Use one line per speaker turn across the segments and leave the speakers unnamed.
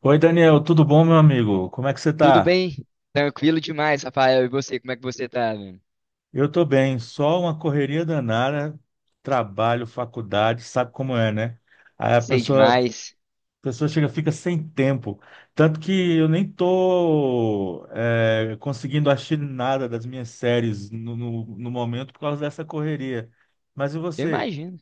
Oi, Daniel, tudo bom, meu amigo? Como é que você
Tudo
tá?
bem? Tranquilo demais, Rafael. E você, como é que você tá, mano?
Eu tô bem, só uma correria danada, trabalho, faculdade, sabe como é, né? Aí a
Sei
pessoa, a
demais.
pessoa chega, fica sem tempo. Tanto que eu nem tô conseguindo assistir nada das minhas séries no momento por causa dessa correria. Mas e
Eu
você?
imagino.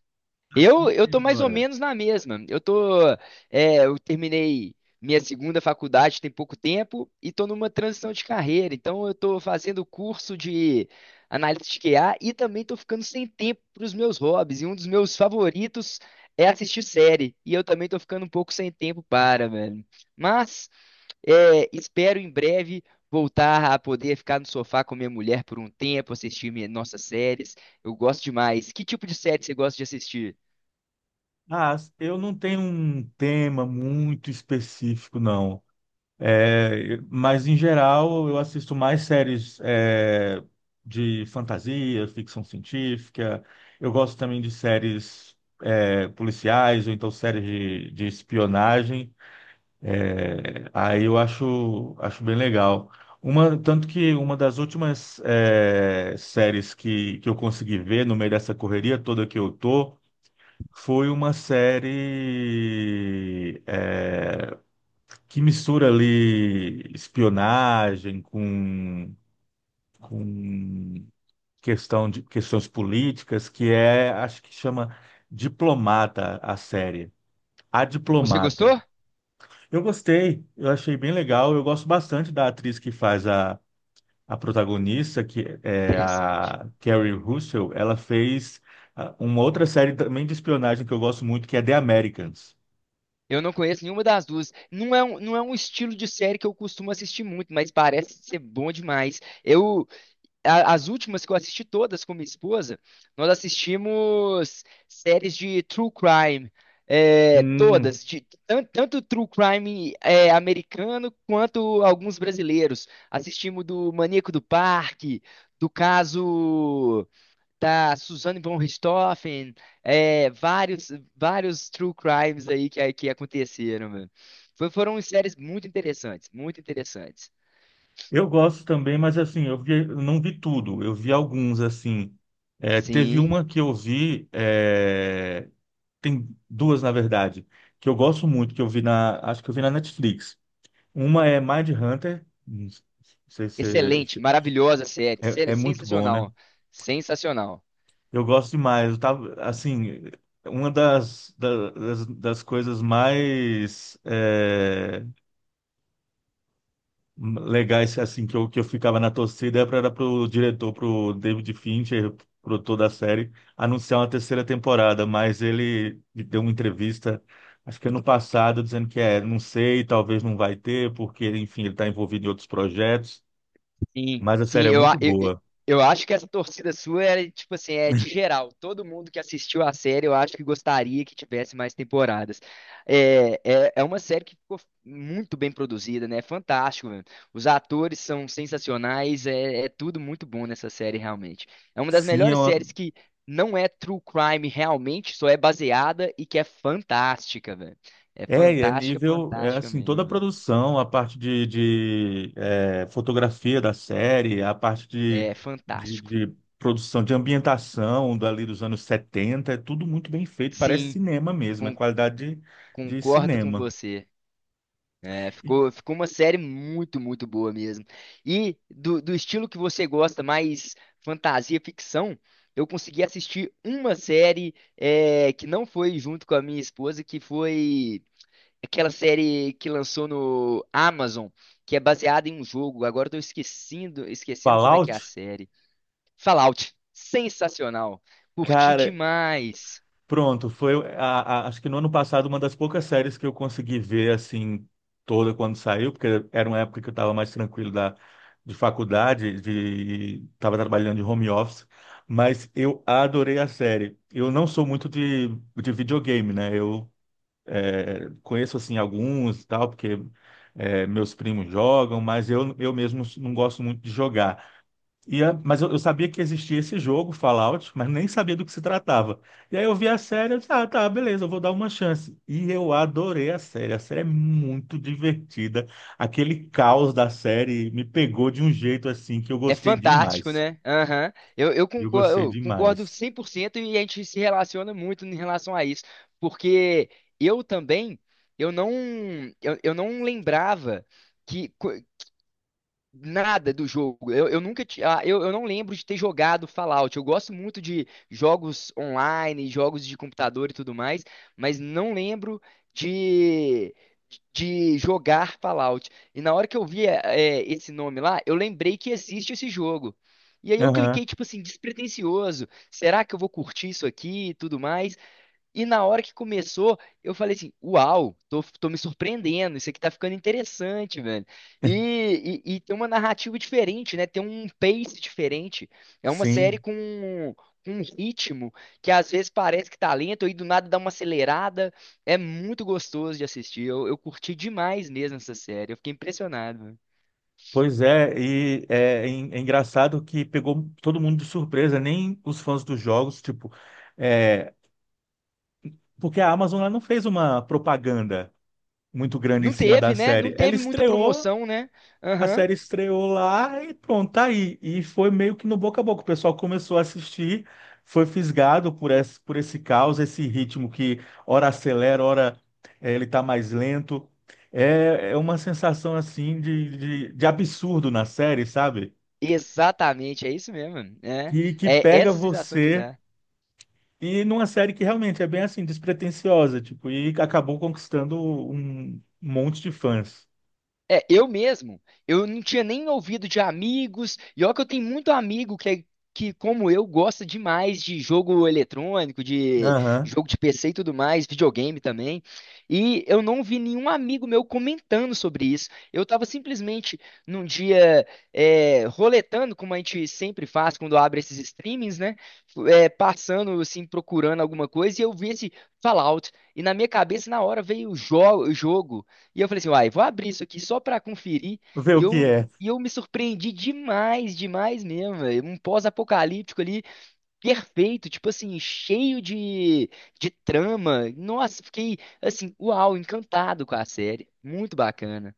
Tá achando
Eu,
o
eu
que
tô mais ou
agora?
menos na mesma. Eu tô, eu terminei minha segunda faculdade tem pouco tempo e tô numa transição de carreira. Então eu tô fazendo curso de análise de QA e também tô ficando sem tempo para os meus hobbies. E um dos meus favoritos é assistir série. E eu também tô ficando um pouco sem tempo para, velho. Mas é, espero em breve voltar a poder ficar no sofá com minha mulher por um tempo, assistir minhas, nossas séries. Eu gosto demais. Que tipo de série você gosta de assistir?
Ah, eu não tenho um tema muito específico, não. É, mas, em geral, eu assisto mais séries de fantasia, ficção científica. Eu gosto também de séries policiais ou então séries de espionagem. É, aí eu acho bem legal. Tanto que uma das últimas séries que eu consegui ver no meio dessa correria toda que eu tô foi uma série, que mistura ali espionagem com questão de questões políticas, acho que chama Diplomata a série. A
Você
Diplomata.
gostou?
Eu gostei, eu achei bem legal, eu gosto bastante da atriz que faz a protagonista, que é
Interessante.
a Kerry Russell, ela fez uma outra série também de espionagem que eu gosto muito, que é The Americans.
Eu não conheço nenhuma das duas. Não é um estilo de série que eu costumo assistir muito, mas parece ser bom demais. Eu, as últimas que eu assisti todas com minha esposa, nós assistimos séries de true crime, é,
Hum.
todas, de, tanto, true crime americano quanto alguns brasileiros. Assistimos do Maníaco do Parque, do caso da Suzane von Richthofen, é, vários true crimes aí que aconteceram, mano. Foram séries muito interessantes, muito interessantes.
Eu gosto também, mas assim, eu vi, eu não vi tudo, eu vi alguns, assim. É, teve
Sim.
uma que eu vi, tem duas, na verdade, que eu gosto muito, que eu vi acho que eu vi na Netflix. Uma é Mindhunter, não sei se
Excelente,
se-
maravilhosa série,
é, é muito bom, né?
sensacional, sensacional.
Eu gosto demais, eu tava, assim, uma das coisas mais legais assim que eu ficava na torcida era para pro diretor, pro David Fincher, produtor da série, anunciar uma terceira temporada, mas ele deu uma entrevista, acho que ano passado, dizendo não sei, talvez não vai ter, porque, enfim, ele está envolvido em outros projetos,
Sim,
mas a
sim,
série é muito boa.
eu acho que essa torcida sua era, tipo assim, é de geral. Todo mundo que assistiu a série, eu acho que gostaria que tivesse mais temporadas. É uma série que ficou muito bem produzida, né? É fantástico, velho. Os atores são sensacionais, é, é tudo muito bom nessa série, realmente. É uma das
Sim, é
melhores séries
uma.
que não é true crime realmente, só é baseada e que é fantástica, velho. É
É, e é
fantástica,
nível, é
fantástica
assim, toda a
mesmo, velho.
produção, a parte de fotografia da série, a parte de,
É
de,
fantástico.
de produção, de ambientação dali dos anos 70 é tudo muito bem feito, parece
Sim.
cinema mesmo, é qualidade de
Concordo com
cinema.
você. É,
E
ficou uma série muito, muito boa mesmo. E do, do estilo que você gosta, mais fantasia, ficção, eu consegui assistir uma série que não foi junto com a minha esposa, que foi aquela série que lançou no Amazon, que é baseada em um jogo. Agora eu tô esquecendo, esquecendo como é que é a
Fallout,
série. Fallout. Sensacional. Curti
cara.
demais.
Pronto, foi acho que no ano passado uma das poucas séries que eu consegui ver assim toda quando saiu, porque era uma época que eu estava mais tranquilo da de faculdade, de estava trabalhando de home office, mas eu adorei a série. Eu não sou muito de videogame, né? Eu conheço assim alguns e tal, porque meus primos jogam, mas eu mesmo não gosto muito de jogar. Mas eu sabia que existia esse jogo, Fallout, mas nem sabia do que se tratava. E aí eu vi a série, eu disse, ah, tá, beleza, eu vou dar uma chance. E eu adorei a série. A série é muito divertida. Aquele caos da série me pegou de um jeito assim que eu
É
gostei
fantástico,
demais.
né? Aham. Eu
Eu
concordo,
gostei
eu concordo
demais.
100% e a gente se relaciona muito em relação a isso, porque eu também, eu não, eu não lembrava que, nada do jogo. Eu nunca ti- ah, eu não lembro de ter jogado Fallout. Eu gosto muito de jogos online, jogos de computador e tudo mais, mas não lembro de, de jogar Fallout. E na hora que eu vi esse nome lá, eu lembrei que existe esse jogo. E aí eu
Aham.
cliquei, tipo assim, despretensioso. Será que eu vou curtir isso aqui e tudo mais? E na hora que começou, eu falei assim: Uau, tô me surpreendendo, isso aqui tá ficando interessante, velho. E tem uma narrativa diferente, né? Tem um pace diferente. É uma série
Sim,
com um ritmo que às vezes parece que tá lento e do nada dá uma acelerada. É muito gostoso de assistir. Eu curti demais mesmo essa série. Eu fiquei impressionado, velho.
pois é engraçado que pegou todo mundo de surpresa, nem os fãs dos jogos, tipo, é, porque a Amazon ela não fez uma propaganda, muito grande em
Não
cima da
teve, né? Não
série. Ela
teve muita
estreou,
promoção, né?
a
Aham.
série estreou lá e pronto, tá aí. E foi meio que no boca a boca. O pessoal começou a assistir, foi fisgado por esse caos, esse ritmo que ora acelera, ora ele tá mais lento. É uma sensação assim de absurdo na série, sabe?
Exatamente, é isso mesmo. É,
Que
é
pega
essa sensação que
você.
dá.
E numa série que realmente é bem assim, despretensiosa, tipo, e acabou conquistando um monte de fãs.
É, eu mesmo, eu não tinha nem ouvido de amigos, e olha que eu tenho muito amigo que, como eu, gosta demais de jogo eletrônico, de
Aham.
jogo de PC e tudo mais, videogame também, e eu não vi nenhum amigo meu comentando sobre isso. Eu estava simplesmente num dia roletando, como a gente sempre faz quando abre esses streamings, né? É, passando, assim, procurando alguma coisa, e eu vi esse Fallout, e na minha cabeça, na hora, veio o jogo. E eu falei assim, uai, vou abrir isso aqui só pra conferir.
Vê
E
o que
eu,
é.
e eu me surpreendi demais, demais mesmo, velho. Um pós-apocalíptico ali, perfeito, tipo assim, cheio de trama. Nossa, fiquei, assim, uau, encantado com a série. Muito bacana.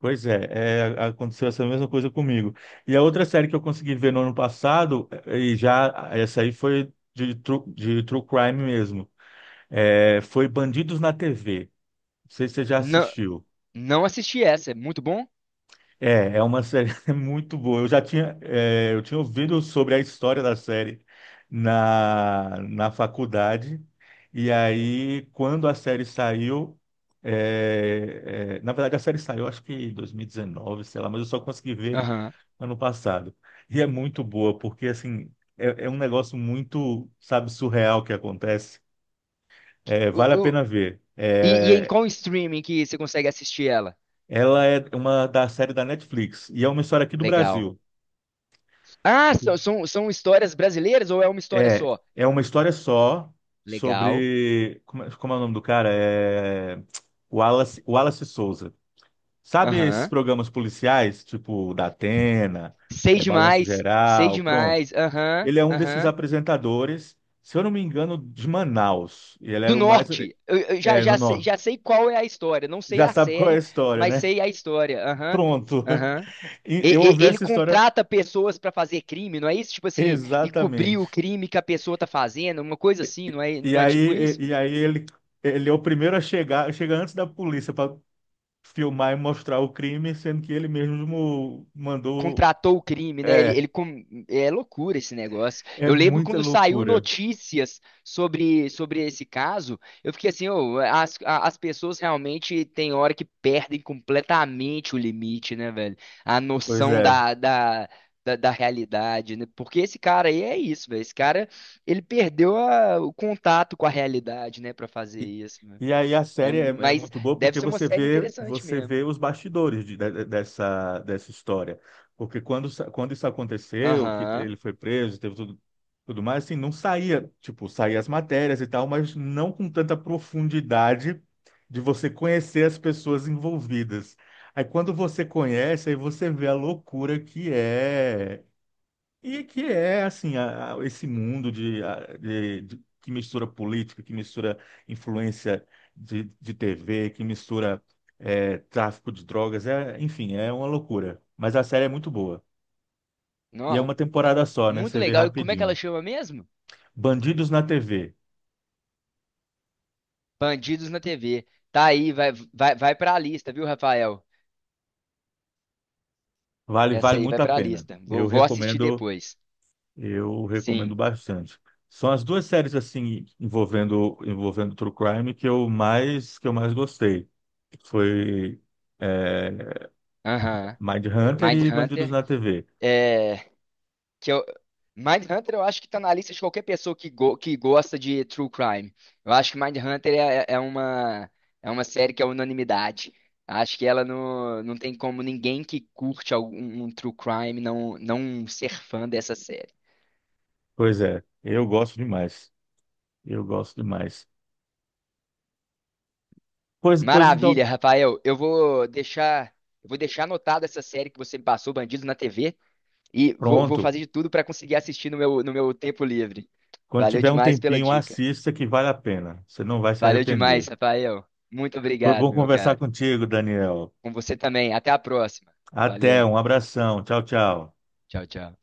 Pois é, aconteceu essa mesma coisa comigo. E a outra série que eu consegui ver no ano passado, e já essa aí foi de true crime mesmo, foi Bandidos na TV. Não sei se você já
Não,
assistiu.
não assisti essa, é muito bom?
É uma série muito boa. Eu tinha ouvido sobre a história da série na faculdade, e aí quando a série saiu, na verdade a série saiu acho que em 2019, sei lá, mas eu só consegui ver
Aham.
ano passado. E é muito boa, porque assim, é um negócio muito, sabe, surreal que acontece. É, vale a
O- o-
pena ver.
E em qual streaming que você consegue assistir ela?
Ela é uma da série da Netflix e é uma história aqui do
Legal.
Brasil.
Ah, são histórias brasileiras ou é uma história
É,
só?
é uma história só
Legal.
sobre. É como é o nome do cara? É Wallace Souza. Sabe esses
Aham.
programas policiais, tipo da Atena,
Sei
Balanço
demais, sei
Geral, pronto?
demais. Aham,
Ele é um desses
aham.
apresentadores, se eu não me engano, de Manaus. Ele
Do
era o mais.
norte. Eu,
É, no
sei,
norte.
já sei qual é a história. Não sei
Já
a
sabe qual é a
série,
história,
mas
né?
sei a história. Aham,
Pronto.
aham.
E eu ouvi
Ele
essa história
contrata pessoas pra fazer crime, não é isso? Tipo assim, e cobrir o
exatamente.
crime que a pessoa tá fazendo, uma coisa assim,
E
não é
aí,
tipo isso?
e, e aí ele é o primeiro a chegar, chega antes da polícia para filmar e mostrar o crime, sendo que ele mesmo mandou.
Contratou o crime, né?
É,
É loucura esse negócio.
é
Eu lembro
muita
quando saiu
loucura.
notícias sobre esse caso, eu fiquei assim, ô, as pessoas realmente tem hora que perdem completamente o limite, né, velho? A
Pois
noção
é.
da realidade, né? Porque esse cara aí é isso, velho. Esse cara, ele perdeu o contato com a realidade, né, pra fazer isso, né?
E aí a
É,
série é
mas
muito boa
deve
porque
ser uma
você
série
vê
interessante
você
mesmo.
vê os bastidores dessa história. Porque quando isso aconteceu, que
Aham.
ele foi preso, teve tudo mais, assim, não saía, tipo, saía as matérias e tal, mas não com tanta profundidade de você conhecer as pessoas envolvidas. Aí quando você conhece, aí você vê a loucura que é e que é, assim, esse mundo de, a- de- de- que mistura política, que mistura influência de TV, que mistura tráfico de drogas, enfim, é uma loucura. Mas a série é muito boa. E é
Nó.
uma temporada só, né?
Muito
Você vê
legal. E como é que ela
rapidinho.
chama mesmo?
Bandidos na TV.
Bandidos na TV. Tá aí, vai pra lista, viu, Rafael?
Vale,
Essa
vale
aí
muito
vai
a
pra
pena.
lista.
Eu
Vou assistir
recomendo,
depois.
eu
Sim.
recomendo bastante. São as duas séries, assim, envolvendo True Crime que eu mais gostei. Foi. é,
Aham.
Mindhunter e Bandidos
Mindhunter.
na TV.
É. Que eu... Mindhunter eu acho que tá na lista de qualquer pessoa que gosta de true crime. Eu acho que Mindhunter é uma série que é unanimidade. Acho que ela não, não tem como ninguém que curte algum um true crime não, não ser fã dessa série.
Pois é, eu gosto demais. Eu gosto demais. Pois
Maravilha,
então,
Rafael. Eu vou deixar anotado essa série que você me passou, Bandidos na TV, e vou
pronto.
fazer de tudo para conseguir assistir no meu, no meu tempo livre.
Quando
Valeu
tiver um
demais pela
tempinho,
dica.
assista que vale a pena. Você não vai se
Valeu demais,
arrepender.
Rafael. Muito
Foi
obrigado,
bom
meu
conversar
cara.
contigo, Daniel.
Com você também. Até a próxima.
Até,
Valeu.
um abração. Tchau, tchau.
Tchau, tchau.